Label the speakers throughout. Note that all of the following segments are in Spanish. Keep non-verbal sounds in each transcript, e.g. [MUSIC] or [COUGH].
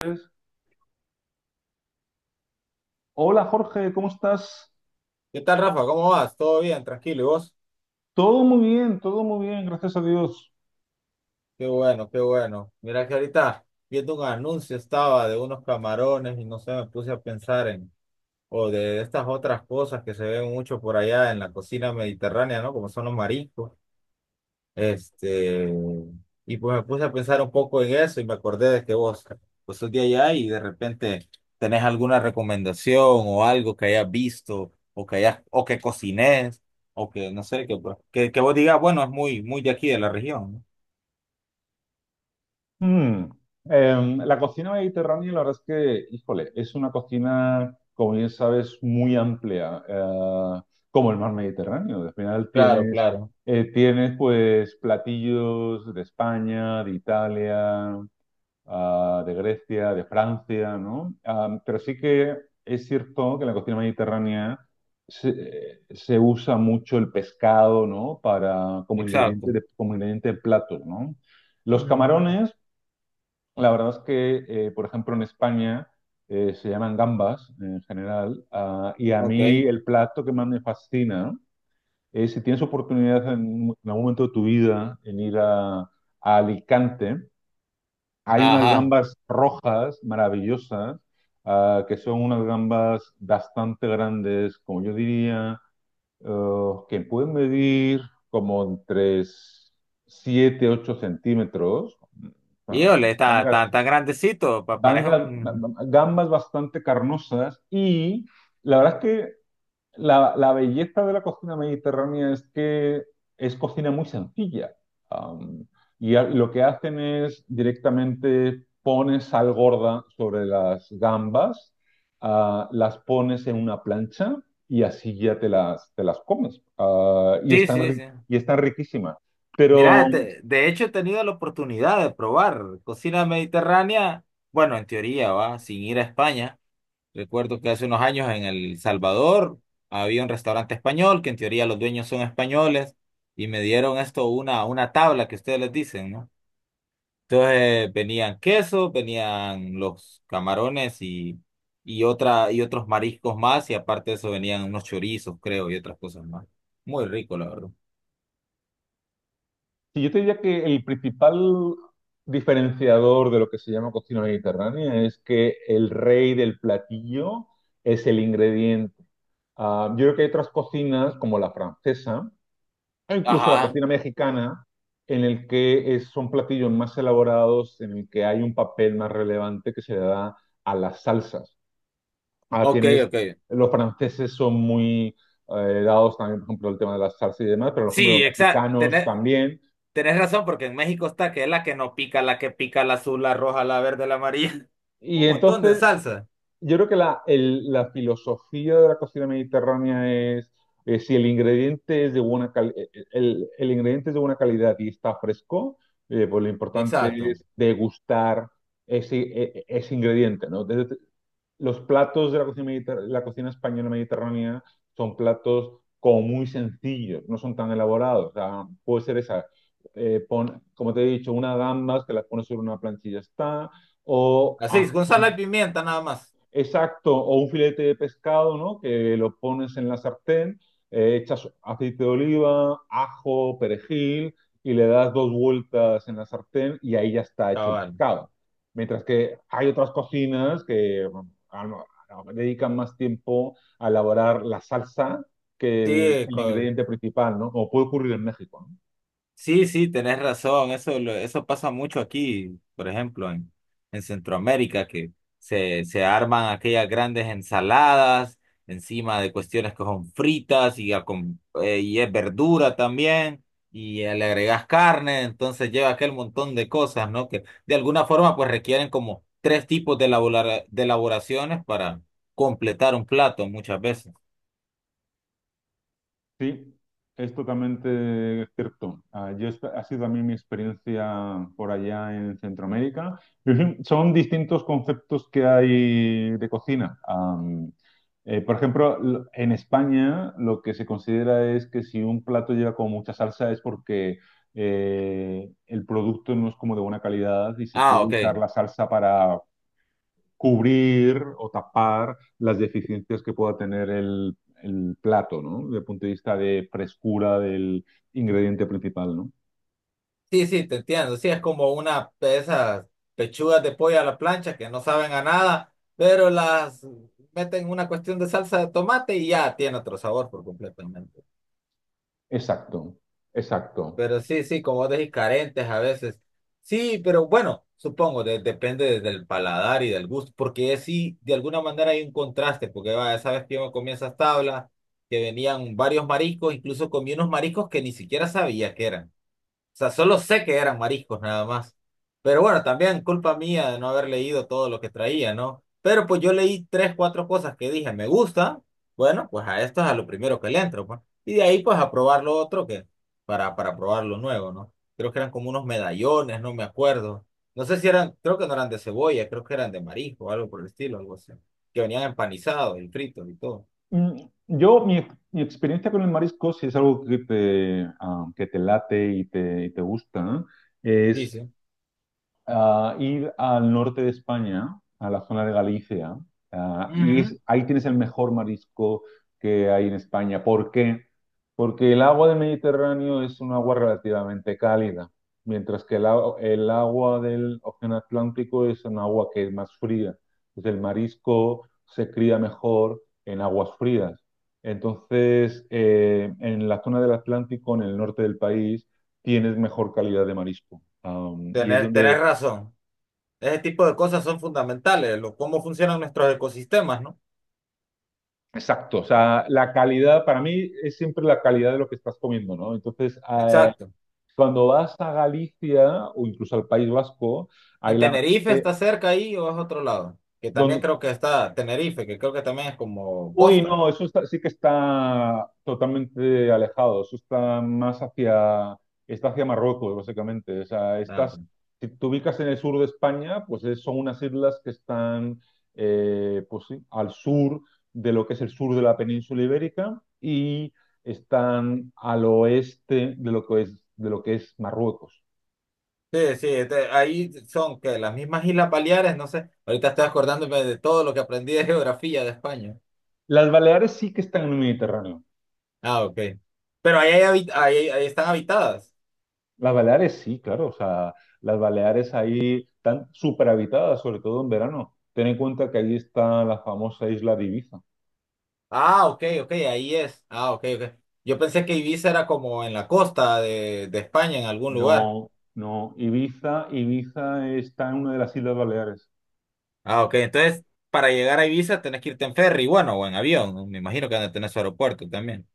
Speaker 1: Pues, hola Jorge, ¿cómo estás?
Speaker 2: ¿Qué tal, Rafa? ¿Cómo vas? ¿Todo bien? ¿Tranquilo? ¿Y vos?
Speaker 1: Todo muy bien, gracias a Dios.
Speaker 2: Qué bueno, qué bueno. Mira que ahorita viendo un anuncio estaba de unos camarones y no sé, me puse a pensar en, o de estas otras cosas que se ven mucho por allá en la cocina mediterránea, ¿no? Como son los mariscos. Este, y pues me puse a pensar un poco en eso y me acordé de que vos, pues sos de allá y de repente tenés alguna recomendación o algo que hayas visto o que hayas, o que cocinés o que no sé, que, que vos digas, bueno, es muy, muy de aquí, de la región. ¿No?
Speaker 1: Mm, la cocina mediterránea, la verdad es que, híjole, es una cocina, como bien sabes, muy amplia, como el mar Mediterráneo. Al final
Speaker 2: Claro, claro.
Speaker 1: tienes pues platillos de España, de Italia, de Grecia, de Francia, ¿no? Pero sí que es cierto que en la cocina mediterránea se usa mucho el pescado, ¿no? Para,
Speaker 2: Exacto.
Speaker 1: como ingrediente de platos, ¿no? Los
Speaker 2: Mm.
Speaker 1: camarones, la verdad es que, por ejemplo, en España se llaman gambas en general, y a mí
Speaker 2: Ok.
Speaker 1: el plato que más me fascina es si tienes oportunidad en algún momento de tu vida en ir a Alicante, hay unas
Speaker 2: Ajá.
Speaker 1: gambas rojas maravillosas, que son unas gambas bastante grandes, como yo diría, que pueden medir como entre 7 8 centímetros. Ah,
Speaker 2: Híjole, está
Speaker 1: vangas-
Speaker 2: tan, tan grandecito, parece
Speaker 1: vangas-
Speaker 2: un...
Speaker 1: Gambas bastante carnosas y la verdad es que la belleza de la cocina mediterránea es que es cocina muy sencilla. Am, lo que hacen es directamente pones sal gorda sobre las gambas, las pones en una plancha y así ya te las comes.
Speaker 2: Sí, sí, sí.
Speaker 1: Y están riquísimas. Pero
Speaker 2: Mira, de hecho he tenido la oportunidad de probar cocina mediterránea, bueno, en teoría, va, sin ir a España. Recuerdo que hace unos años en El Salvador había un restaurante español, que en teoría los dueños son españoles, y me dieron esto, una tabla que ustedes les dicen, ¿no? Entonces venían queso, venían los camarones y, otra, y otros mariscos más, y aparte de eso venían unos chorizos, creo, y otras cosas más. Muy rico, la verdad.
Speaker 1: sí, yo te diría que el principal diferenciador de lo que se llama cocina mediterránea es que el rey del platillo es el ingrediente. Yo creo que hay otras cocinas, como la francesa, o incluso la
Speaker 2: Ajá.
Speaker 1: cocina mexicana, en el que son platillos más elaborados, en el que hay un papel más relevante que se le da a las salsas. Ah,
Speaker 2: Ok,
Speaker 1: tienes,
Speaker 2: ok.
Speaker 1: los franceses son muy dados también, por ejemplo, el tema de las salsas y demás, pero, por ejemplo,
Speaker 2: Sí,
Speaker 1: los
Speaker 2: exacto.
Speaker 1: mexicanos
Speaker 2: Tenés,
Speaker 1: también.
Speaker 2: tenés razón, porque en México está que es la que no pica, la que pica, la azul, la roja, la verde, la amarilla. [LAUGHS]
Speaker 1: Y
Speaker 2: Un montón de
Speaker 1: entonces
Speaker 2: salsa.
Speaker 1: yo creo que la filosofía de la cocina mediterránea es, si el ingrediente es de el ingrediente es de buena calidad y está fresco, pues lo importante
Speaker 2: Exacto.
Speaker 1: es degustar ese ingrediente, ¿no? Los platos de la la cocina española mediterránea son platos como muy sencillos, no son tan elaborados. O sea, puede ser esa, como te he dicho, una gambas que las pones sobre una planchilla está, o
Speaker 2: Así
Speaker 1: haz
Speaker 2: es, con sal y
Speaker 1: un...
Speaker 2: pimienta nada más.
Speaker 1: Exacto, o un filete de pescado, ¿no? Que lo pones en la sartén, echas aceite de oliva, ajo, perejil y le das dos vueltas en la sartén y ahí ya está hecho el
Speaker 2: Cabal.
Speaker 1: pescado. Mientras que hay otras cocinas que bueno, dedican más tiempo a elaborar la salsa que
Speaker 2: Sí,
Speaker 1: el
Speaker 2: co-
Speaker 1: ingrediente principal, ¿no? Como puede ocurrir en México, ¿no?
Speaker 2: Sí, sí, tenés razón, eso, eso pasa mucho aquí, por ejemplo, en Centroamérica, que se arman aquellas grandes ensaladas encima de cuestiones que son fritas y, y es verdura también, y le agregás carne, entonces lleva aquel montón de cosas, ¿no? Que de alguna forma pues requieren como tres tipos de de elaboraciones para completar un plato muchas veces.
Speaker 1: Sí, es totalmente cierto. Ha sido también mi experiencia por allá en Centroamérica. Pero sí, son distintos conceptos que hay de cocina. Por ejemplo, en España lo que se considera es que si un plato lleva como mucha salsa es porque el producto no es como de buena calidad y se
Speaker 2: Ah,
Speaker 1: quiere
Speaker 2: ok.
Speaker 1: usar la salsa cubrir o tapar las deficiencias que pueda tener el plato, ¿no? Desde el punto de vista de frescura del ingrediente principal, ¿no?
Speaker 2: Sí, sí, te entiendo. Sí, es como una de esas pechugas de pollo a la plancha que no saben a nada, pero las meten una cuestión de salsa de tomate y ya tiene otro sabor por completamente.
Speaker 1: Exacto, exacto.
Speaker 2: Pero sí, sí, como vos decís, carentes a veces. Sí, pero bueno, supongo, depende del paladar y del gusto, porque sí, de alguna manera hay un contraste, porque vaya, sabes que yo me comí esas tablas que venían varios mariscos, incluso comí unos mariscos que ni siquiera sabía que eran. O sea, solo sé que eran mariscos nada más. Pero bueno, también culpa mía de no haber leído todo lo que traía, ¿no? Pero pues yo leí tres, cuatro cosas que dije, me gusta, bueno, pues a esto es a lo primero que le entro, pues. Y de ahí pues a probar lo otro que, para probar lo nuevo, ¿no? Creo que eran como unos medallones, no me acuerdo. No sé si eran, creo que no eran de cebolla, creo que eran de marisco o algo por el estilo, algo así. Que venían empanizados y fritos y todo.
Speaker 1: Mm, Mi experiencia con el marisco, si es algo que que te late y y te gusta, ¿no?
Speaker 2: Sí, sí.
Speaker 1: Ir al norte de España, a la zona de Galicia,
Speaker 2: Ujú.
Speaker 1: ahí tienes el mejor marisco que hay en España. ¿Por qué? Porque el agua del Mediterráneo es un agua relativamente cálida, mientras que el agua del Océano Atlántico es un agua que es más fría. Entonces el marisco se cría mejor en aguas frías. Entonces, en la zona del Atlántico, en el norte del país, tienes mejor calidad de marisco. Am, y es
Speaker 2: Tener, tenés
Speaker 1: donde
Speaker 2: razón. Ese tipo de cosas son fundamentales, lo, cómo funcionan nuestros ecosistemas, ¿no?
Speaker 1: Exacto, o sea, la calidad para mí es siempre la calidad de lo que estás comiendo, ¿no? Entonces,
Speaker 2: Exacto.
Speaker 1: cuando vas a Galicia o incluso al País Vasco, ahí
Speaker 2: En
Speaker 1: la verdad
Speaker 2: Tenerife
Speaker 1: es que...
Speaker 2: está cerca ahí o es otro lado, que también
Speaker 1: don-
Speaker 2: creo que está Tenerife, que creo que también es como costa.
Speaker 1: No, eso está... sí que está totalmente alejado. Eso está más hacia, está hacia Marruecos, básicamente. O sea,
Speaker 2: Ah,
Speaker 1: estás,
Speaker 2: ok.
Speaker 1: si te ubicas en el sur de España, pues son unas islas que están, pues sí, al sur de lo que es el sur de la península ibérica y están al oeste de lo que es, de lo que es Marruecos.
Speaker 2: Sí, sí, este, ahí son que las mismas Islas Baleares, no sé, ahorita estoy acordándome de todo lo que aprendí de geografía de España.
Speaker 1: Las Baleares sí que están en el Mediterráneo.
Speaker 2: Ah, ok. Pero ahí, ahí, ahí están habitadas.
Speaker 1: Las Baleares sí, claro, o sea, las Baleares ahí están súper habitadas, sobre todo en verano. Ten en cuenta que ahí está la famosa isla de Ibiza.
Speaker 2: Ah, ok, ok, ahí es. Ah, ok, ok. Yo pensé que Ibiza era como en la costa de España, en algún lugar.
Speaker 1: No, no, Ibiza, Ibiza está en una de las Islas Baleares.
Speaker 2: Ah, ok. Entonces, para llegar a Ibiza tenés que irte en ferry, bueno, o en avión. ¿No? Me imagino que van a tener su aeropuerto también.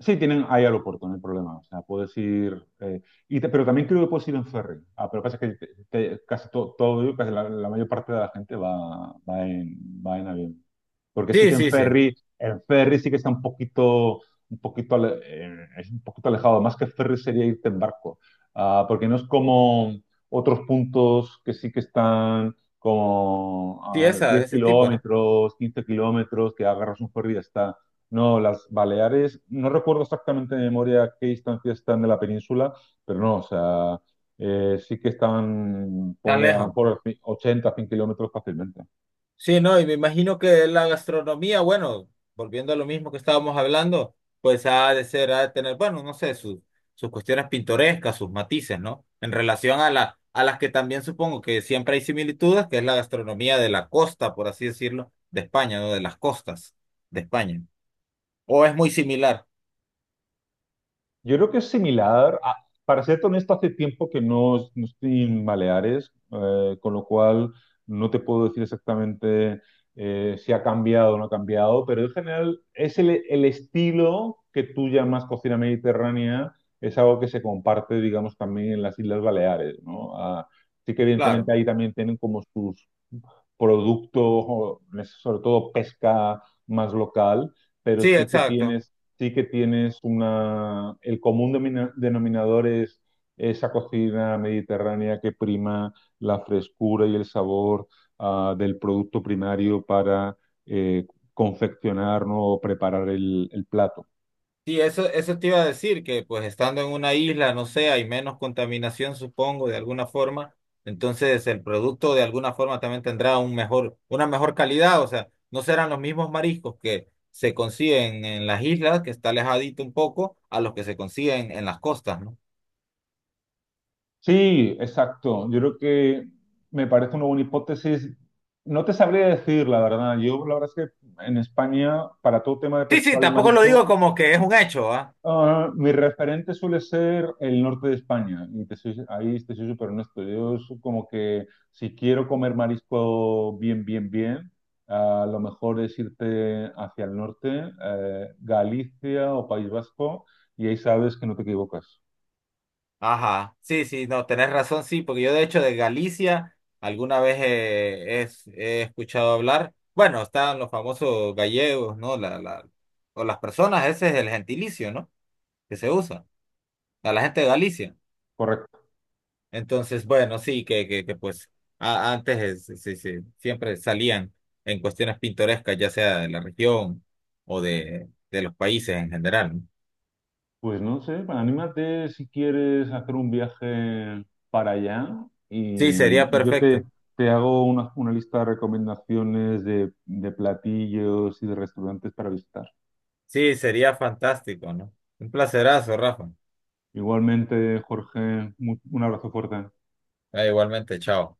Speaker 1: Sí, tienen ahí aeropuerto, no hay problema. O sea, puedes ir. Y pero también creo que puedes ir en ferry. Ah, pero pasa que casi todo, casi la mayor parte de la gente va, va en avión. Porque sí
Speaker 2: Sí,
Speaker 1: que
Speaker 2: sí, sí.
Speaker 1: en ferry sí que está un poquito, es un poquito alejado. Más que ferry sería irte en barco. Ah, porque no es como otros puntos que sí que están como
Speaker 2: Sí,
Speaker 1: a
Speaker 2: esa, de
Speaker 1: 10
Speaker 2: ese tipo, ¿no?
Speaker 1: kilómetros, 15 kilómetros, que agarras un ferry y ya está. No, las Baleares, no recuerdo exactamente de memoria qué distancia están de la península, pero no, o sea, sí que están,
Speaker 2: Tan
Speaker 1: ponle a lo
Speaker 2: lejos.
Speaker 1: mejor 80, 100 kilómetros fácilmente.
Speaker 2: Sí, no, y me imagino que la gastronomía, bueno, volviendo a lo mismo que estábamos hablando, pues ha de ser, ha de tener, bueno, no sé, sus, sus cuestiones pintorescas, sus matices, ¿no? En relación a la, a las que también supongo que siempre hay similitudes, que es la gastronomía de la costa, por así decirlo, de España, ¿no? De las costas de España. O es muy similar,
Speaker 1: Yo creo que es similar. Para ser honesto, hace tiempo que no estoy en Baleares, con lo cual no te puedo decir exactamente si ha cambiado o no ha cambiado, pero en general es el estilo que tú llamas cocina mediterránea, es algo que se comparte, digamos, también en las Islas Baleares, ¿no? Sí que evidentemente
Speaker 2: claro.
Speaker 1: ahí también tienen como sus producto, o en sobre todo pesca más local, pero
Speaker 2: Sí, exacto.
Speaker 1: sí que tienes una, el común denominador es esa cocina mediterránea que prima la frescura y el sabor, del producto primario para eh, confeccionar, ¿no? O preparar el plato.
Speaker 2: Sí, eso te iba a decir, que pues estando en una isla, no sé, hay menos contaminación, supongo, de alguna forma. Entonces el producto de alguna forma también tendrá un mejor, una mejor calidad. O sea, no serán los mismos mariscos que se consiguen en las islas, que está alejadito un poco, a los que se consiguen en las costas, ¿no?
Speaker 1: Sí, exacto. Yo creo que me parece una buena hipótesis. No te sabría decir, la verdad. Yo, la verdad es que en España, para todo tema de
Speaker 2: Sí, sí,
Speaker 1: pescado y
Speaker 2: tampoco lo digo
Speaker 1: marisco,
Speaker 2: como que es un hecho, ¿ah?
Speaker 1: mi referente suele ser el norte de España. Y ahí te soy súper honesto. Yo es como que si quiero comer marisco bien, bien, bien, lo mejor es irte hacia el norte, Galicia o País Vasco, y ahí sabes que no te equivocas.
Speaker 2: Ajá, sí, sí, no, tenés razón, sí, porque yo de hecho de Galicia alguna vez escuchado hablar, bueno, están los famosos gallegos, ¿no? La, o las personas, ese es el gentilicio, ¿no? Que se usa, a la gente de Galicia.
Speaker 1: Correcto.
Speaker 2: Entonces, bueno, sí, que pues antes sí, sí, siempre salían en cuestiones pintorescas, ya sea de la región o de los países en general, ¿no?
Speaker 1: Pues no sé, anímate si quieres hacer un viaje para allá
Speaker 2: Sí,
Speaker 1: y
Speaker 2: sería
Speaker 1: yo te,
Speaker 2: perfecto,
Speaker 1: te hago una lista de recomendaciones de platillos y de restaurantes para visitar.
Speaker 2: sí, sería fantástico, ¿no? Un placerazo, Rafa.
Speaker 1: Igualmente, Jorge, un abrazo fuerte.
Speaker 2: Ah, igualmente, chao.